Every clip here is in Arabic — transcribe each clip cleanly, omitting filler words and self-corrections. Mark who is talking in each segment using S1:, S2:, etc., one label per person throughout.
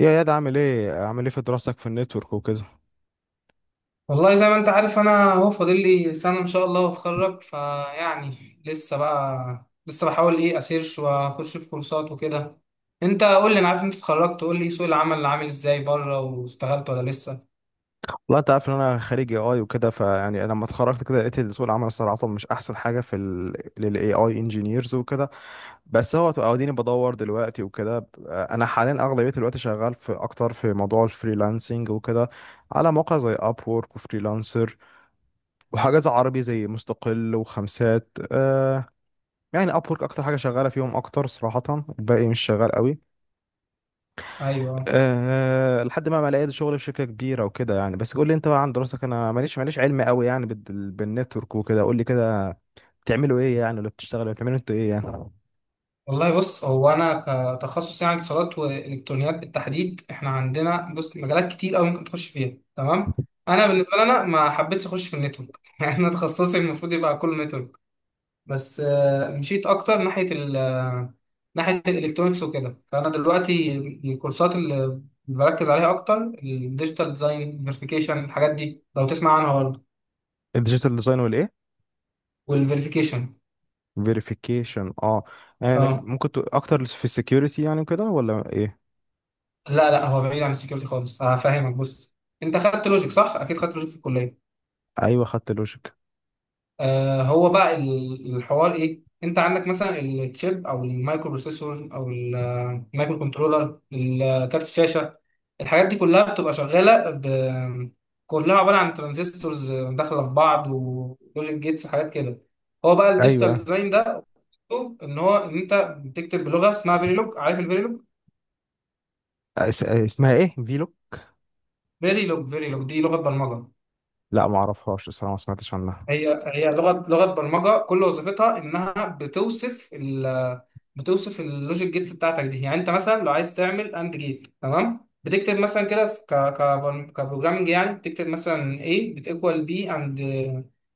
S1: يا ياد عامل ايه في دراستك في النتورك وكده.
S2: والله، زي ما انت عارف، انا اهو فاضل لي سنه ان شاء الله واتخرج. فيعني لسه بحاول اسيرش واخش في كورسات وكده. انت قول لي، انا عارف انت اتخرجت، قول لي سوق العمل اللي عامل ازاي بره، واشتغلت ولا لسه؟
S1: والله انت عارف ان انا خريج اي اي وكده فيعني لما اتخرجت كده لقيت إن سوق العمل الصراحه مش احسن حاجه في الاي اي انجينيرز وكده. بس هو اديني بدور دلوقتي وكده، انا حاليا اغلبيه الوقت شغال في اكتر في موضوع الفريلانسنج وكده، على مواقع زي اب وورك وفريلانسر وحاجات زي عربي زي مستقل وخمسات. يعني اب وورك اكتر حاجه شغاله فيهم اكتر صراحه، الباقي مش شغال قوي.
S2: ايوه.
S1: لحد ما لقيت شغل في شركة كبيرة وكده يعني. بس قول لي انت بقى عن دراستك، انا ماليش علم قوي يعني بالنتورك وكده. قول لي كده، بتعملوا ايه يعني اللي بتشتغلوا يعني؟ بتعملوا انتوا ايه يعني؟
S2: والله بص، هو انا كتخصص يعني اتصالات والكترونيات بالتحديد، احنا عندنا بص مجالات كتير قوي ممكن تخش فيها، تمام. انا بالنسبه لي انا ما حبيتش اخش في النتورك يعني انا تخصصي المفروض يبقى كله نتورك. بس مشيت اكتر ناحيه ال آه، ناحيه الالكترونكس وكده. فانا دلوقتي الكورسات اللي بركز عليها اكتر الديجيتال ديزاين، فيريفيكيشن، الحاجات دي، لو تسمع عنها برضه.
S1: الديجيتال ديزاين والايه؟
S2: والفيريفيكيشن،
S1: فيريفيكيشن، اه. يعني
S2: اه.
S1: ممكن تقول اكتر في السكيورتي يعني كده ولا ايه؟
S2: لا لا، هو بعيد عن السكيورتي خالص، هفهمك بص. انت خدت لوجيك صح؟ اكيد خدت لوجيك في الكليه.
S1: ايوه خدت لوجيك.
S2: آه، هو بقى الحوار ايه، انت عندك مثلا التشيب او المايكرو بروسيسور او المايكرو كنترولر، الكارت، الشاشه، الحاجات دي كلها بتبقى شغاله كلها عباره عن ترانزستورز داخله في بعض ولوجيك جيتس وحاجات كده. هو بقى الديجيتال
S1: ايوه.
S2: ديزاين ده مطلوب ان هو ان انت بتكتب بلغه اسمها فيريلوج، عارف الفيريلوج؟
S1: اسمها ايه فيلو؟
S2: فيريلوج دي لغه برمجه.
S1: لا ما اعرفهاش الصراحة، ما سمعتش عنها.
S2: هي لغه برمجه، كل وظيفتها انها بتوصف اللوجيك جيتس بتاعتك دي. يعني انت مثلا لو عايز تعمل اند جيت، تمام، بتكتب مثلا كده في ك ك كبروجرامنج، يعني بتكتب مثلا A بتيكوال بي اند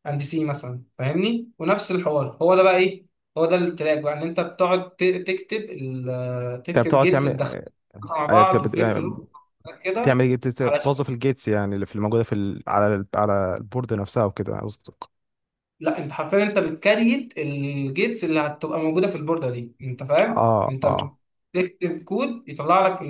S2: اند سي مثلا، فاهمني؟ ونفس الحوار. هو ده بقى ايه، هو ده التراك بقى، ان انت بتقعد تكتب
S1: انت
S2: تكتب
S1: بتقعد
S2: جيتس
S1: تعمل
S2: تدخلها مع
S1: أيوة.
S2: بعض وفليب فلوب كده.
S1: بتعمل إيه؟ بتوظف
S2: علشان،
S1: الجيتس يعني اللي الموجودة في على على البورد نفسها وكده قصدي.
S2: لا انت حرفيا انت بتكريت الجيتس اللي هتبقى موجوده في البورده دي، انت فاهم؟
S1: اه
S2: انت
S1: اه.
S2: بتكتب كود يطلع لك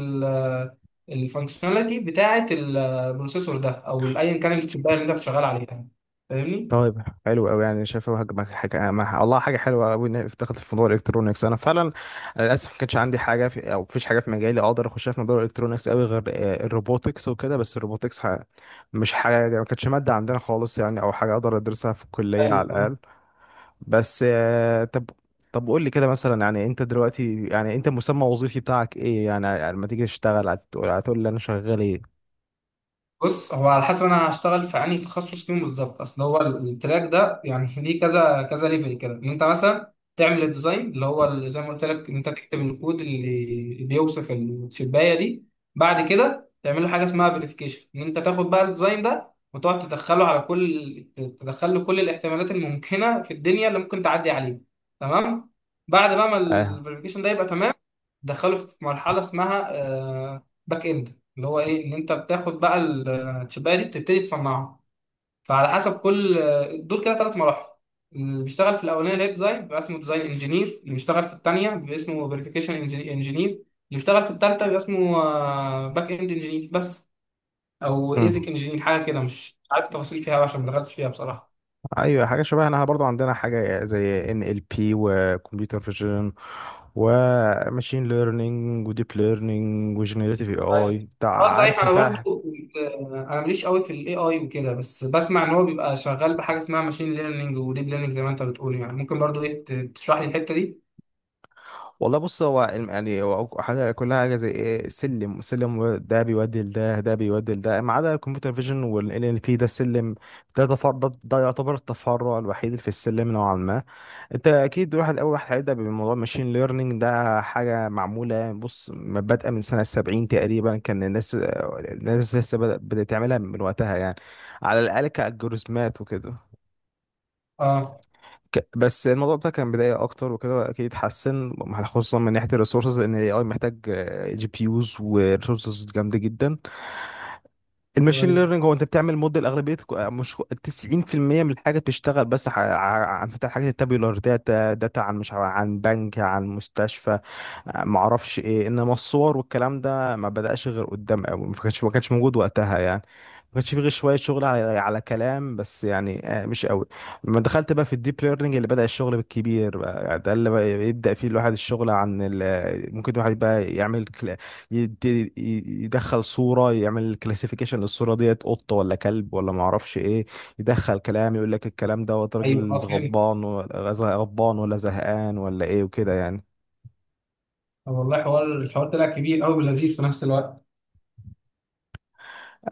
S2: الفانكشناليتي بتاعه البروسيسور ده، او ايا كان الشبايه اللي انت شغال عليها، فاهمني؟
S1: طيب حلو قوي يعني، شايفه هج- حاجه ما- والله حاجه حلوه قوي ان هي افتكرت في موضوع الالكترونكس. انا فعلا انا للاسف ما كانش عندي حاجه في او مفيش حاجه في مجالي اقدر اخشها في موضوع الالكترونكس قوي غير الروبوتكس وكده. بس الروبوتكس مش حاجه، ما كانتش ماده عندنا خالص يعني او حاجه اقدر ادرسها في الكليه على الاقل.
S2: ايوه
S1: بس آه، طب، طب قول لي كده مثلا يعني انت دلوقتي يعني انت المسمى الوظيفي بتاعك ايه يعني لما تيجي تشتغل، هتقول لي انا شغال ايه؟
S2: بص، هو على حسب انا هشتغل في انهي تخصص فيهم بالظبط. اصل هو التراك ده يعني ليه كذا كذا ليفل كده، ان انت مثلا تعمل الديزاين اللي هو زي ما قلت لك ان انت تكتب الكود اللي بيوصف الشبايه دي. بعد كده تعمل له حاجه اسمها فيريفيكيشن، ان انت تاخد بقى الديزاين ده وتقعد تدخله كل الاحتمالات الممكنه في الدنيا اللي ممكن تعدي عليه، تمام. بعد بقى ما الفيريفيكيشن ده يبقى تمام، دخلوا في مرحله اسمها باك اند، اللي هو ايه، ان انت بتاخد بقى الشبايه دي تبتدي تصنعها. فعلى حسب كل دول كده ثلاث مراحل. اللي بيشتغل في الاولانيه اللي هي ديزاين بيبقى اسمه ديزاين انجينير، اللي بيشتغل في الثانيه بيبقى اسمه فيريفيكيشن انجينير، اللي بيشتغل في الثالثه بيبقى اسمه باك اند انجينير. بس او ايزك
S1: اه،
S2: انجينير حاجه كده، مش عارف التفاصيل فيها أوي عشان ما دخلتش فيها بصراحه.
S1: ايوه حاجه شبهنا. احنا برضو عندنا حاجه زي ان ال بي وكمبيوتر فيجن وماشين ليرنينج وديب ليرنينج وجنريتيف اي
S2: ايوه.
S1: اي،
S2: اه
S1: عارف
S2: صحيح، انا
S1: حتى.
S2: برضو كنت انا ماليش قوي في الاي اي وكده، بس بسمع ان هو بيبقى شغال بحاجه اسمها ماشين ليرنينج وديب ليرنينج زي ما انت بتقول، يعني ممكن برضو تشرح لي الحته دي؟
S1: والله بص، يعني هو حاجه كلها حاجه زي ايه، سلم. سلم ده بيودي لده، ده بيودي لده، ما عدا الكمبيوتر فيجن والان ال بي، ده السلم، ده يعتبر التفرع الوحيد في السلم نوعا ما. انت اكيد واحد، اول واحد هيبدا بموضوع الماشين ليرنينج. ده حاجه معموله يعني، بص ما بادئه من سنه 70 تقريبا، كان الناس لسه بدات تعملها من وقتها يعني، على الاقل كالجوريزمات وكده.
S2: اه.
S1: بس الموضوع ده كان بدايه اكتر وكده، اكيد اتحسن خصوصا من ناحيه الريسورسز، لان الاي اي محتاج جي بي يوز وريسورسز جامده جدا.
S2: ايوه
S1: الماشين
S2: ايوه
S1: ليرنينج هو انت بتعمل موديل، اغلبيه مش 90% من الحاجه بتشتغل بس عن فتح حاجات التابيولار داتا. عن مش عارف- عن بنك، عن مستشفى، معرفش ايه. انما الصور والكلام ده ما بدأش غير قدام قوي، ما كانش موجود وقتها يعني، ما كانش فيه غير شويه شغل على كلام بس يعني، مش قوي. لما دخلت بقى في الديب ليرنينج اللي بدأ الشغل بالكبير بقى يعني، ده اللي بقى يبدأ فيه الواحد الشغل عن ممكن الواحد بقى يعمل، يدي يدخل صورة يعمل كلاسيفيكيشن للصورة ديت، قطة ولا كلب ولا ما اعرفش ايه. يدخل كلام يقول لك الكلام دوت
S2: ايوه.
S1: راجل
S2: اه فهمت.
S1: غضبان ولا غضبان ولا زهقان ولا ايه وكده يعني.
S2: طب والله الحوار طلع كبير قوي ولذيذ في نفس الوقت.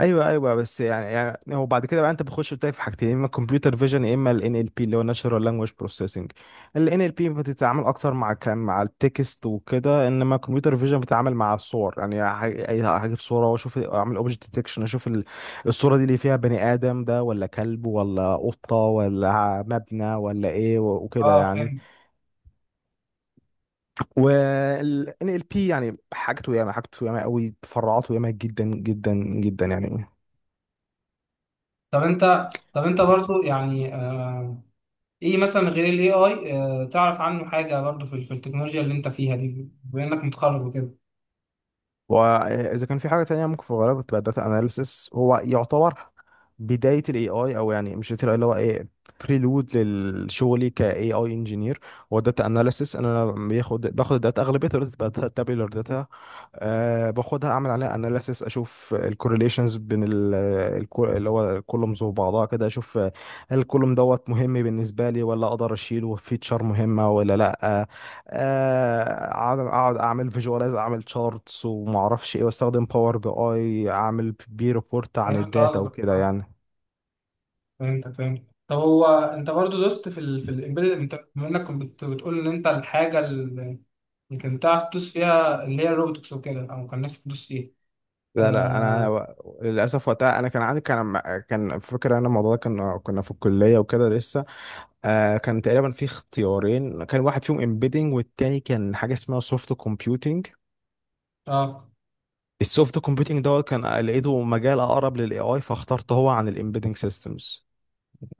S1: ايوه ايوه. بس يعني هو بعد كده بقى انت بتخش قلت لك في حاجتين، يا اما الكمبيوتر فيجن يا اما الان ال بي اللي هو ناتشورال لانجويج بروسيسنج. الان ال بي بتتعامل اكتر مع كان مع التكست وكده، انما الكمبيوتر فيجن بتتعامل مع الصور يعني، هجيب صوره واشوف اعمل اوبجكت ديتكشن، اشوف الصوره دي اللي فيها بني ادم ده ولا كلب ولا قطه ولا مبنى ولا ايه وكده
S2: اه
S1: يعني.
S2: فهمت.
S1: وال NLP يعني حاجته ياما، حاجته ياما قوي، تفرعاته ياما جدا جدا جدا يعني.
S2: طب انت طب انت برضو يعني، ايه مثلا غير الاي اي، تعرف عنه حاجه برضو في في التكنولوجيا اللي انت فيها دي بما انك متخرج وكده؟
S1: واذا كان في حاجه تانية، ممكن في الغالب بتبقى داتا اناليسيس. هو يعتبر بدايه الاي اي، او يعني مش بداية ال AI، اللي هو ايه، بريلود لشغلي كاي اي انجينير. هو داتا اناليسيس، انا باخد الداتا، اغلبيه الداتا بتبقى تابيولار داتا. أه، باخدها اعمل عليها اناليسيس، اشوف الكورليشنز بين اللي هو الكولومز وبعضها كده. اشوف هل الكولوم دوت مهم بالنسبه لي ولا اقدر اشيله، فيتشر مهمه ولا لا. اقعد، اعمل فيجواليز، اعمل تشارتس وما اعرفش ايه، واستخدم باور بي اي، اعمل بي ريبورت عن
S2: فهمت
S1: الداتا
S2: قصدك،
S1: وكده
S2: آه.
S1: يعني.
S2: فهمت طب هو انت برضو دوست في في الامبيدد، انت بما انك كنت بتقول ان انت الحاجه اللي كنت تعرف تدوس فيها اللي هي الروبوتكس وكده، او كان نفسك تدوس فيها.
S1: لا لا انا
S2: اه
S1: للاسف وقتها انا كان عندي، كان فكره انا الموضوع ده، كنا في الكليه وكده لسه، كان تقريبا في اختيارين، كان واحد فيهم امبيدنج والتاني كان حاجه اسمها سوفت كومبيوتينج.
S2: اه.
S1: السوفت كومبيوتينج دوت كان لقيته مجال اقرب للاي اي، فاخترته هو عن الامبيدنج سيستمز.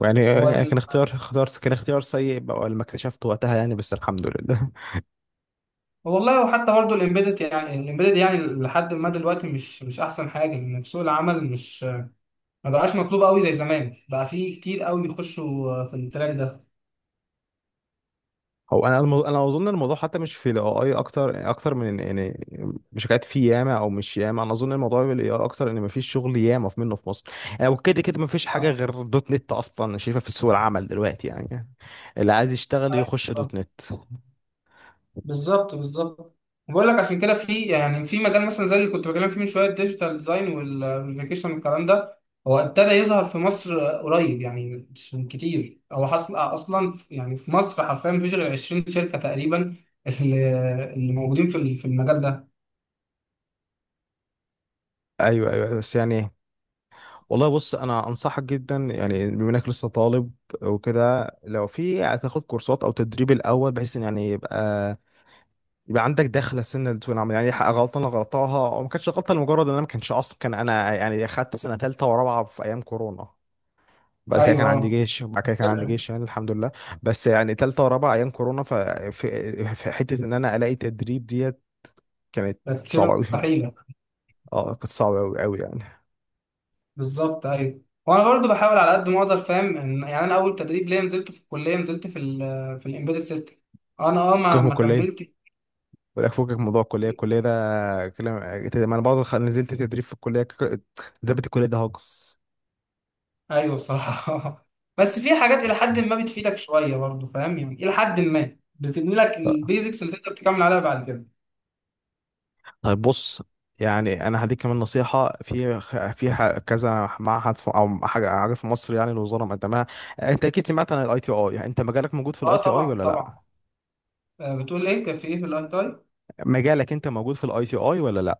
S1: يعني
S2: هو
S1: كان
S2: ال...
S1: اختيار، كان اختيار سيء بقى لما اكتشفته وقتها يعني، بس الحمد لله.
S2: هو والله، وحتى برضو الامبيدد يعني، الامبيدد يعني لحد ما دلوقتي مش احسن حاجه، ان في سوق العمل مش، ما بقاش مطلوب قوي زي زمان، بقى في كتير قوي بيخشوا في التراك ده.
S1: انا اظن الموضوع حتى مش في الاي اي اكتر، يعني اكتر من يعني مش حكايه في ياما، او مش ياما، انا اظن الموضوع في الاي اي اكتر ان مفيش شغل ياما في منه في مصر يعني، وكده كده مفيش حاجه غير دوت نت اصلا شايفها في سوق العمل دلوقتي يعني. اللي عايز يشتغل يخش
S2: آه.
S1: دوت نت.
S2: بالظبط بالظبط. بقول لك عشان كده في يعني في مجال مثلا زي اللي كنت بكلم فيه من شويه، الديجيتال ديزاين والفيكيشن والكلام ده، هو ابتدى يظهر في مصر قريب يعني مش من كتير. هو حصل اصلا يعني في مصر حرفيا مفيش غير 20 شركه تقريبا اللي اللي موجودين في في المجال ده.
S1: ايوه ايوه بس يعني. والله بص، انا انصحك جدا يعني بما انك لسه طالب وكده، لو في هتاخد كورسات او تدريب الاول بحيث ان يعني يبقى عندك دخله سنه لسوق العمل يعني. غلطه انا غلطاها، او ما كانتش غلطه، لمجرد ان انا ما كانش اصلا، كان انا يعني اخدت سنه ثالثه ورابعه في ايام كورونا، بعد كده كان
S2: ايوه.
S1: عندي
S2: اه
S1: جيش، يعني الحمد لله. بس يعني ثالثه ورابعه ايام كورونا، في في حته ان انا الاقي تدريب ديت كانت
S2: كانت شبه
S1: صعبه قوي
S2: مستحيله.
S1: اه كانت صعبه قوي قوي يعني.
S2: بالظبط. ايوه وانا برضو بحاول على قد ما اقدر فاهم يعني انا اول تدريب ليا نزلته في الكليه نزلت في في الامبيدد سيستم، انا اه
S1: فكك
S2: ما
S1: من
S2: ما
S1: الكليه،
S2: كملتش.
S1: ولا فكك من موضوع الكليه. الكليه ده كلام، ما انا برضه نزلت تدريب في الكليه. تدريب الكليه ده هاجس.
S2: ايوه بصراحه بس في حاجات الى حد ما بتفيدك شويه برضه فاهم، يعني الى حد ما بتبني لك البيزكس اللي تقدر تكمل عليها بعد كده.
S1: طيب بص، يعني انا هديك كمان نصيحه في كذا معهد في او حاجه، في مصر يعني الوزاره مقدمها. انت اكيد سمعت عن الاي تي اي، يعني انت مجالك موجود في الاي
S2: اه
S1: تي اي
S2: طبعا
S1: ولا لا؟
S2: طبعا. آه، بتقول ايه، كان في ايه في الاي تاي؟
S1: مجالك انت موجود في الاي تي اي ولا لا؟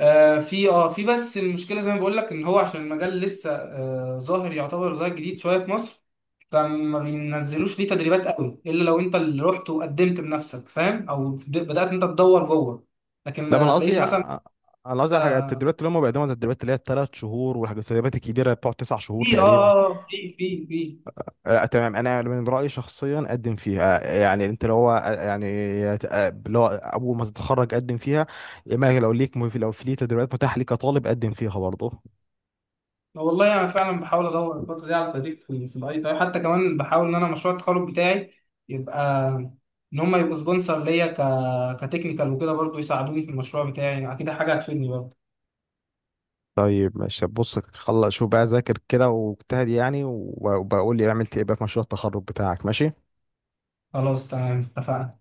S2: آه في في، بس المشكله زي ما بقول لك ان هو عشان المجال لسه ظاهر، يعتبر ظاهر جديد شويه في مصر، فما بينزلوش ليه تدريبات قوي الا لو انت اللي رحت وقدمت بنفسك فاهم، او بدات انت تدور جوه، لكن
S1: لا ما انا
S2: ما تلاقيش
S1: قصدي،
S2: مثلا
S1: على الحاجات التدريبات اللي هم بيقدموها، التدريبات اللي هي الثلاث شهور، والحاجات التدريبات الكبيره بتقعد تسع شهور
S2: في
S1: تقريبا.
S2: في.
S1: تمام، انا من رايي شخصيا قدم فيها. يعني انت لو هو يعني لو اول ما تتخرج قدم فيها، اما لو ليك، لو في ليه تدريبات متاحه ليك كطالب قدم فيها برضه.
S2: والله انا فعلا بحاول ادور الفتره دي على تدريب في الاي تي اي، حتى كمان بحاول ان انا مشروع التخرج بتاعي يبقى ان هم يبقوا سبونسر ليا كتكنيكال وكده، برضو يساعدوني في المشروع بتاعي، اكيد حاجه هتفيدني برضو.
S1: طيب ماشي بص، خلص شوف بقى ذاكر كده واجتهد يعني، وبقول لي عملت ايه بقى في مشروع التخرج بتاعك. ماشي.
S2: خلاص تمام اتفقنا.